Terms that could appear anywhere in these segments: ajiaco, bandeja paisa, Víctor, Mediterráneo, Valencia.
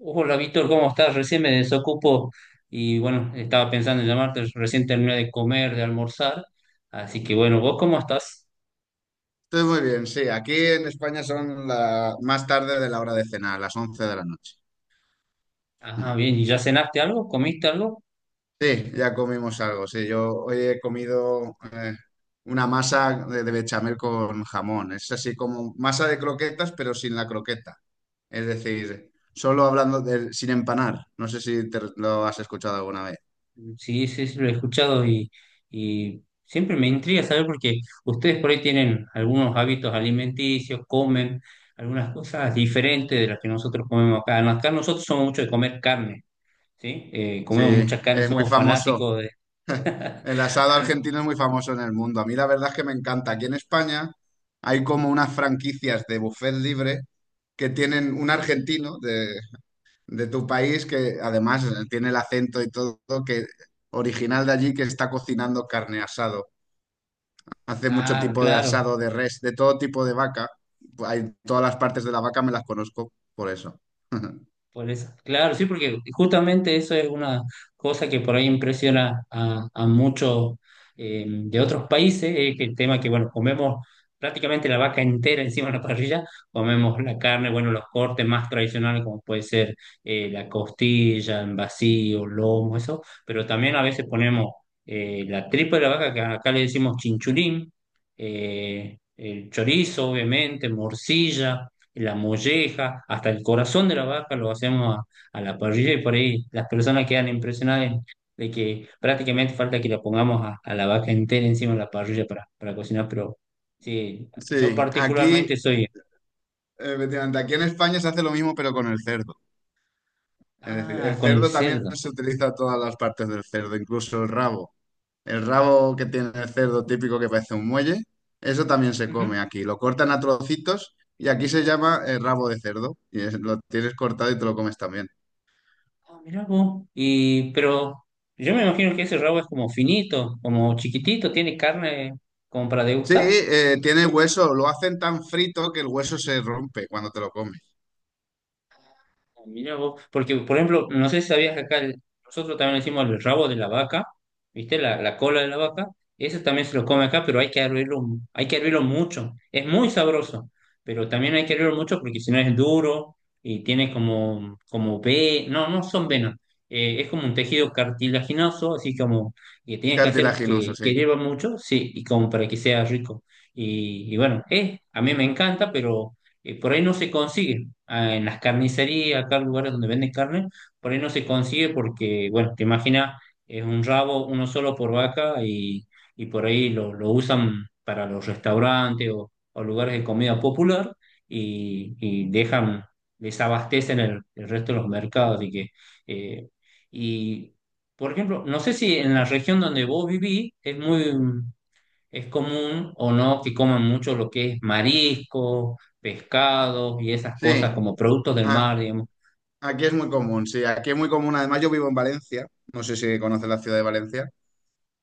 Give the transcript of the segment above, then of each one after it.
Hola Víctor, ¿cómo estás? Recién me desocupo y bueno, estaba pensando en llamarte, recién terminé de comer, de almorzar, así que bueno, ¿vos cómo estás? Entonces, muy bien, sí, aquí en España son la, más tarde de la hora de cenar, las 11 de la noche. Ah, bien, ¿y ya cenaste algo? ¿Comiste algo? Sí, ya comimos algo, sí, yo hoy he comido una masa de bechamel con jamón, es así como masa de croquetas, pero sin la croqueta, es decir, solo hablando de, sin empanar, no sé si te lo has escuchado alguna vez. Sí, sí, sí, lo he escuchado y siempre me intriga saber porque ustedes por ahí tienen algunos hábitos alimenticios, comen algunas cosas diferentes de las que nosotros comemos acá. No, acá nosotros somos mucho de comer carne, ¿sí? Comemos Sí, mucha carne, es muy somos famoso. fanáticos de... El asado argentino es muy famoso en el mundo. A mí la verdad es que me encanta. Aquí en España hay como unas franquicias de buffet libre que tienen un argentino de tu país que además tiene el acento y todo, que original de allí que está cocinando carne asado. Hace mucho Ah, tipo de claro. asado de res, de todo tipo de vaca. Hay todas las partes de la vaca me las conozco por eso. Por eso, claro, sí, porque justamente eso es una cosa que por ahí impresiona a muchos de otros países, es que el tema que, bueno, comemos prácticamente la vaca entera encima de la parrilla, comemos la carne, bueno, los cortes más tradicionales como puede ser la costilla, en vacío, lomo, eso, pero también a veces ponemos la tripa de la vaca, que acá le decimos chinchulín, el chorizo, obviamente, morcilla, la molleja, hasta el corazón de la vaca lo hacemos a la parrilla y por ahí las personas quedan impresionadas de que prácticamente falta que la pongamos a la vaca entera encima de la parrilla para cocinar, pero sí, yo Sí, aquí, particularmente soy, efectivamente, aquí en España se hace lo mismo pero con el cerdo. Es decir, ah, el con el cerdo también cerdo. se utiliza todas las partes del cerdo, incluso el rabo. El rabo que tiene el cerdo típico que parece un muelle, eso también se Ujú. come aquí. Lo cortan a trocitos y aquí se llama rabo de cerdo. Lo tienes cortado y te lo comes también. Ah, mirá vos. Y, pero yo me imagino que ese rabo es como finito, como chiquitito, tiene carne como para Sí, degustar. Tiene hueso, lo hacen tan frito que el hueso se rompe cuando te lo comes. Mira vos, porque por ejemplo, no sé si sabías que acá nosotros también le decimos el rabo de la vaca, ¿viste? La cola de la vaca, eso también se lo come acá, pero hay que hervirlo, hay que hervirlo mucho. Es muy sabroso, pero también hay que hervirlo mucho porque si no es duro y tiene como, como ve, no, no son venas, es como un tejido cartilaginoso, así como que Es tienes que hacer cartilaginoso, sí. que hierva mucho, sí, y como para que sea rico. Y bueno, a mí me encanta, pero por ahí no se consigue. Ah, en las carnicerías, acá en lugares donde venden carne, por ahí no se consigue porque, bueno, te imaginas, es un rabo, uno solo por vaca y por ahí lo usan para los restaurantes o lugares de comida popular y dejan, desabastecen el resto de los mercados. Así que, eh, y, por ejemplo, no sé si en la región donde vos vivís es muy, es común o no que coman mucho lo que es mariscos, pescados y esas cosas Sí, como productos del ah, mar, digamos. aquí es muy común, sí, aquí es muy común. Además, yo vivo en Valencia, no sé si conoces la ciudad de Valencia.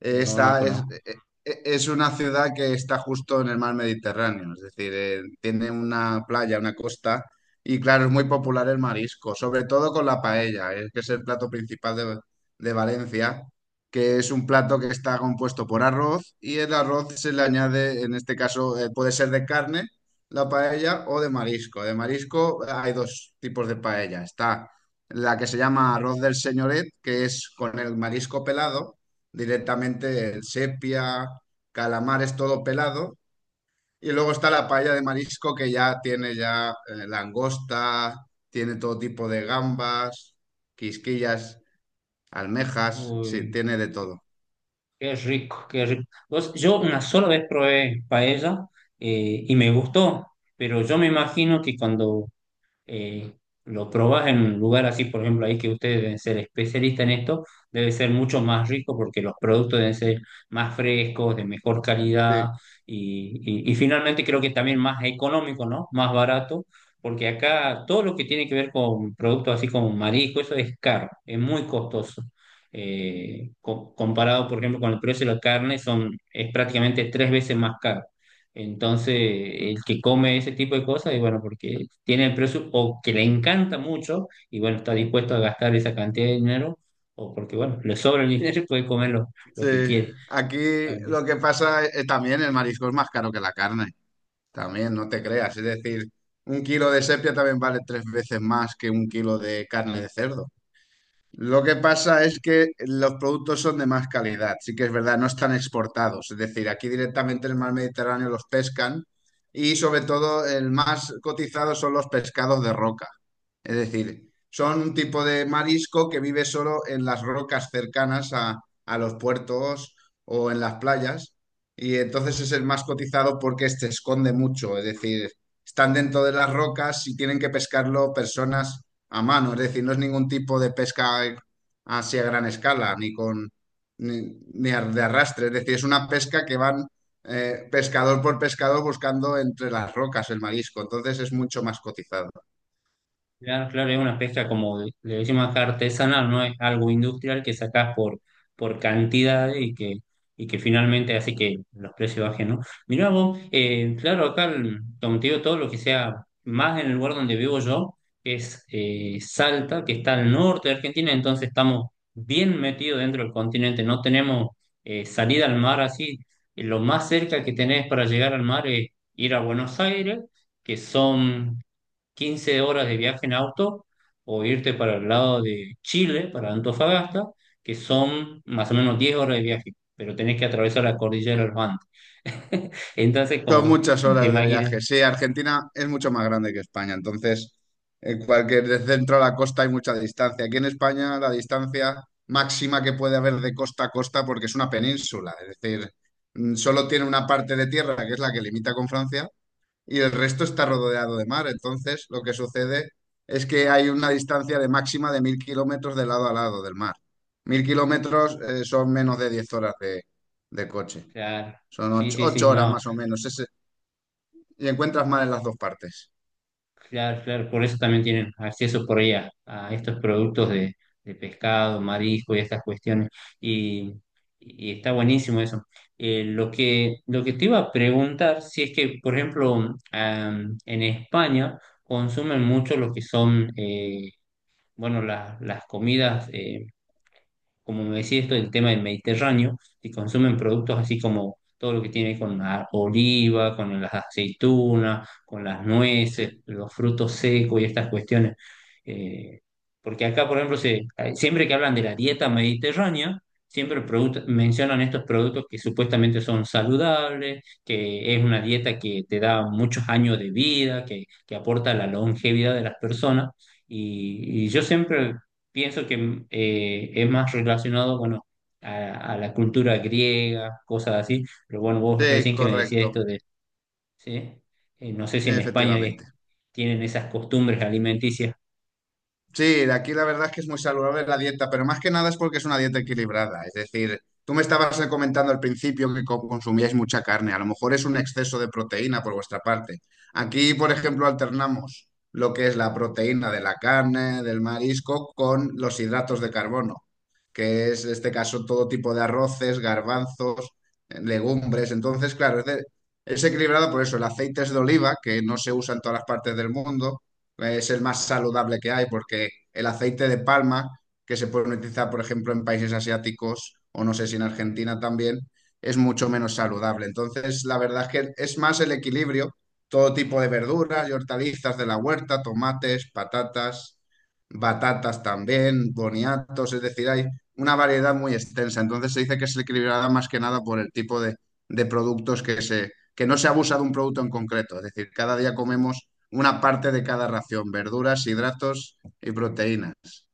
No, no Está, conozco. eh, es una ciudad que está justo en el mar Mediterráneo, es decir, tiene una playa, una costa, y claro, es muy popular el marisco, sobre todo con la paella, que es el plato principal de Valencia, que es un plato que está compuesto por arroz y el arroz se le añade, en este caso, puede ser de carne, la paella, o de marisco. De marisco hay dos tipos de paella, está la que se llama arroz del señoret, que es con el marisco pelado directamente el sepia, calamares todo pelado. Y luego está la paella de marisco que ya tiene ya langosta, tiene todo tipo de gambas, quisquillas, almejas, sí, Uy, tiene de todo. qué rico, qué rico. Vos, yo una sola vez probé paella y me gustó, pero yo me imagino que cuando eh, lo probás en un lugar así, por ejemplo, ahí que ustedes deben ser especialistas en esto, debe ser mucho más rico porque los productos deben ser más frescos, de mejor calidad Sí, y finalmente creo que también más económico, ¿no? Más barato, porque acá todo lo que tiene que ver con productos así como marisco, eso es caro, es muy costoso. Comparado, por ejemplo, con el precio de la carne, son, es prácticamente 3 veces más caro. Entonces, el que come ese tipo de cosas, y bueno, porque tiene el presupuesto, o que le encanta mucho, y bueno, está dispuesto a gastar esa cantidad de dinero, o porque, bueno, le sobra el dinero y puede comer lo sí. que quiere. Aquí lo que pasa es, también el marisco es más caro que la carne, también, no te creas. Es decir, un kilo de sepia también vale 3 veces más que un kilo de carne de cerdo. Lo que pasa es que los productos son de más calidad, sí que es verdad, no están exportados. Es decir, aquí directamente en el mar Mediterráneo los pescan y sobre todo el más cotizado son los pescados de roca. Es decir, son un tipo de marisco que vive solo en las rocas cercanas a los puertos o en las playas y entonces es el más cotizado porque se esconde mucho. Es decir, están dentro de las rocas y tienen que pescarlo personas a mano, es decir, no es ningún tipo de pesca así a gran escala, ni con ni, de arrastre, es decir, es una pesca que van pescador por pescador buscando entre las rocas el marisco, entonces es mucho más cotizado. Claro, claro, es una pesca como le decimos acá artesanal, no es algo industrial que sacás por cantidad y que finalmente hace que los precios bajen, ¿no? Mirá vos, claro, acá, como te digo, todo lo que sea más en el lugar donde vivo yo es Salta, que está al norte de Argentina, entonces estamos bien metidos dentro del continente, no tenemos salida al mar así. Lo más cerca que tenés para llegar al mar es ir a Buenos Aires que son 15 horas de viaje en auto o irte para el lado de Chile, para Antofagasta, que son más o menos 10 horas de viaje, pero tenés que atravesar la cordillera de los Andes. Entonces, Son como muchas te horas de viaje. imaginas, Sí, Argentina es mucho más grande que España, entonces en cualquier de centro a la costa hay mucha distancia. Aquí en España la distancia máxima que puede haber de costa a costa porque es una península, es decir, solo tiene una parte de tierra que es la que limita con Francia y el resto está rodeado de mar. Entonces, lo que sucede es que hay una distancia de máxima de 1.000 kilómetros de lado a lado del mar. 1.000 kilómetros son menos de 10 horas de coche. claro, Son sí, ocho, sí, sí, ocho horas no. más o menos. Y encuentras mar en las dos partes. Claro, claro, por eso también tienen acceso por ahí a estos productos de pescado, marisco y estas cuestiones. Y, y está buenísimo eso. Lo que te iba a preguntar, si es que, por ejemplo, am, en España consumen mucho lo que son, bueno, las comidas. Como me decía esto del tema del Mediterráneo, que consumen productos así como todo lo que tiene con la oliva, con las aceitunas, con las nueces, Sí, los frutos secos y estas cuestiones. Eh, porque acá, por ejemplo, se, siempre que hablan de la dieta mediterránea, siempre mencionan estos productos que supuestamente son saludables, que es una dieta que te da muchos años de vida, que aporta la longevidad de las personas. Y yo siempre pienso que es más relacionado, bueno, a la cultura griega, cosas así, pero bueno, vos sí, recién que me decías correcto, esto de, ¿sí? No sé si en España efectivamente. tienen esas costumbres alimenticias. Sí, de aquí la verdad es que es muy saludable la dieta, pero más que nada es porque es una dieta equilibrada. Es decir, tú me estabas comentando al principio que consumíais mucha carne, a lo mejor es un exceso de proteína por vuestra parte. Aquí, por ejemplo, alternamos lo que es la proteína de la carne, del marisco, con los hidratos de carbono, que es en este caso todo tipo de arroces, garbanzos, legumbres. Entonces, claro, es, es equilibrado por eso. El aceite es de oliva, que no se usa en todas las partes del mundo es el más saludable que hay porque el aceite de palma, que se puede utilizar, por ejemplo, en países asiáticos o no sé si en Argentina también, es mucho menos saludable. Entonces, la verdad es que es más el equilibrio, todo tipo de verduras y hortalizas de la huerta, tomates, patatas, batatas también, boniatos, es decir, hay una variedad muy extensa. Entonces, se dice que se equilibrada más que nada por el tipo de productos que se... que no se abusa de un producto en concreto, es decir, cada día comemos una parte de cada ración, verduras, hidratos y proteínas.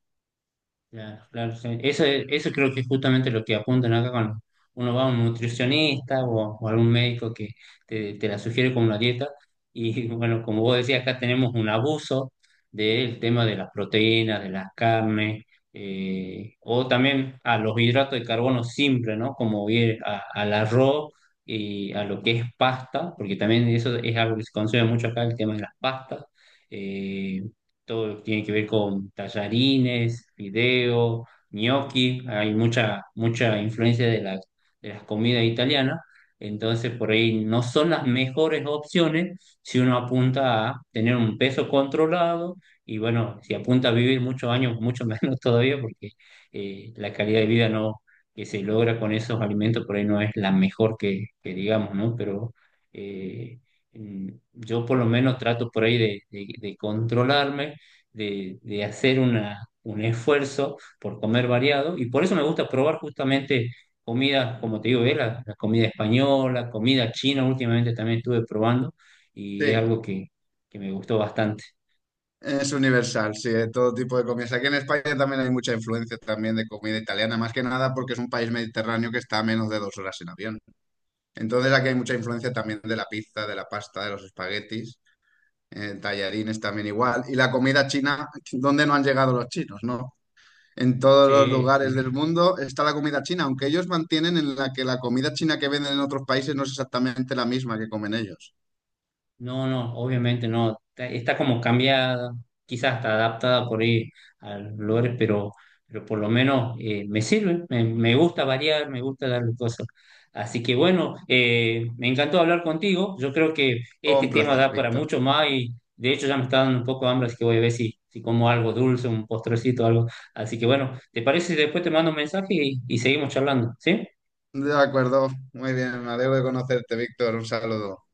Claro, claro, sí. Eso, eso creo que es justamente lo que apuntan acá cuando uno va a un nutricionista o algún médico que te la sugiere como una dieta. Y bueno, como vos decías, acá tenemos un abuso del tema de las proteínas, de las carnes, o también a los hidratos de carbono simples, ¿no? Como bien al arroz y a lo que es pasta, porque también eso es algo que se consume mucho acá, el tema de las pastas. Eh, todo lo que tiene que ver con tallarines, fideo, gnocchi, hay mucha, mucha influencia de las comidas italianas, entonces por ahí no son las mejores opciones si uno apunta a tener un peso controlado y bueno, si apunta a vivir muchos años, mucho menos todavía porque la calidad de vida no, que se logra con esos alimentos por ahí no es la mejor que digamos, ¿no? Pero... eh, mm, yo por lo menos trato por ahí de controlarme, de hacer una, un esfuerzo por comer variado y por eso me gusta probar justamente comida, como te digo, la comida española, comida china, últimamente también estuve probando y es Sí, algo que me gustó bastante. es universal, sí, de todo tipo de comidas. Aquí en España también hay mucha influencia también de comida italiana, más que nada porque es un país mediterráneo que está a menos de 2 horas en avión. Entonces aquí hay mucha influencia también de la pizza, de la pasta, de los espaguetis, tallarines también igual. Y la comida china, ¿dónde no han llegado los chinos, no? En todos los Sí, sí. lugares del mundo está la comida china, aunque ellos mantienen en la que la comida china que venden en otros países no es exactamente la misma que comen ellos. No, no, obviamente no. Está, está como cambiada, quizás está adaptada por ahí a los lugares, pero por lo menos me sirve, me gusta variar, me gusta darle cosas. Así que bueno, me encantó hablar contigo. Yo creo que este Un tema placer, da para Víctor. mucho más y de hecho ya me está dando un poco de hambre, así que voy a ver si, si como algo dulce, un postrecito, algo. Así que bueno, ¿te parece si después te mando un mensaje y seguimos charlando? ¿Sí? De acuerdo, muy bien, me alegro de conocerte, Víctor. Un saludo.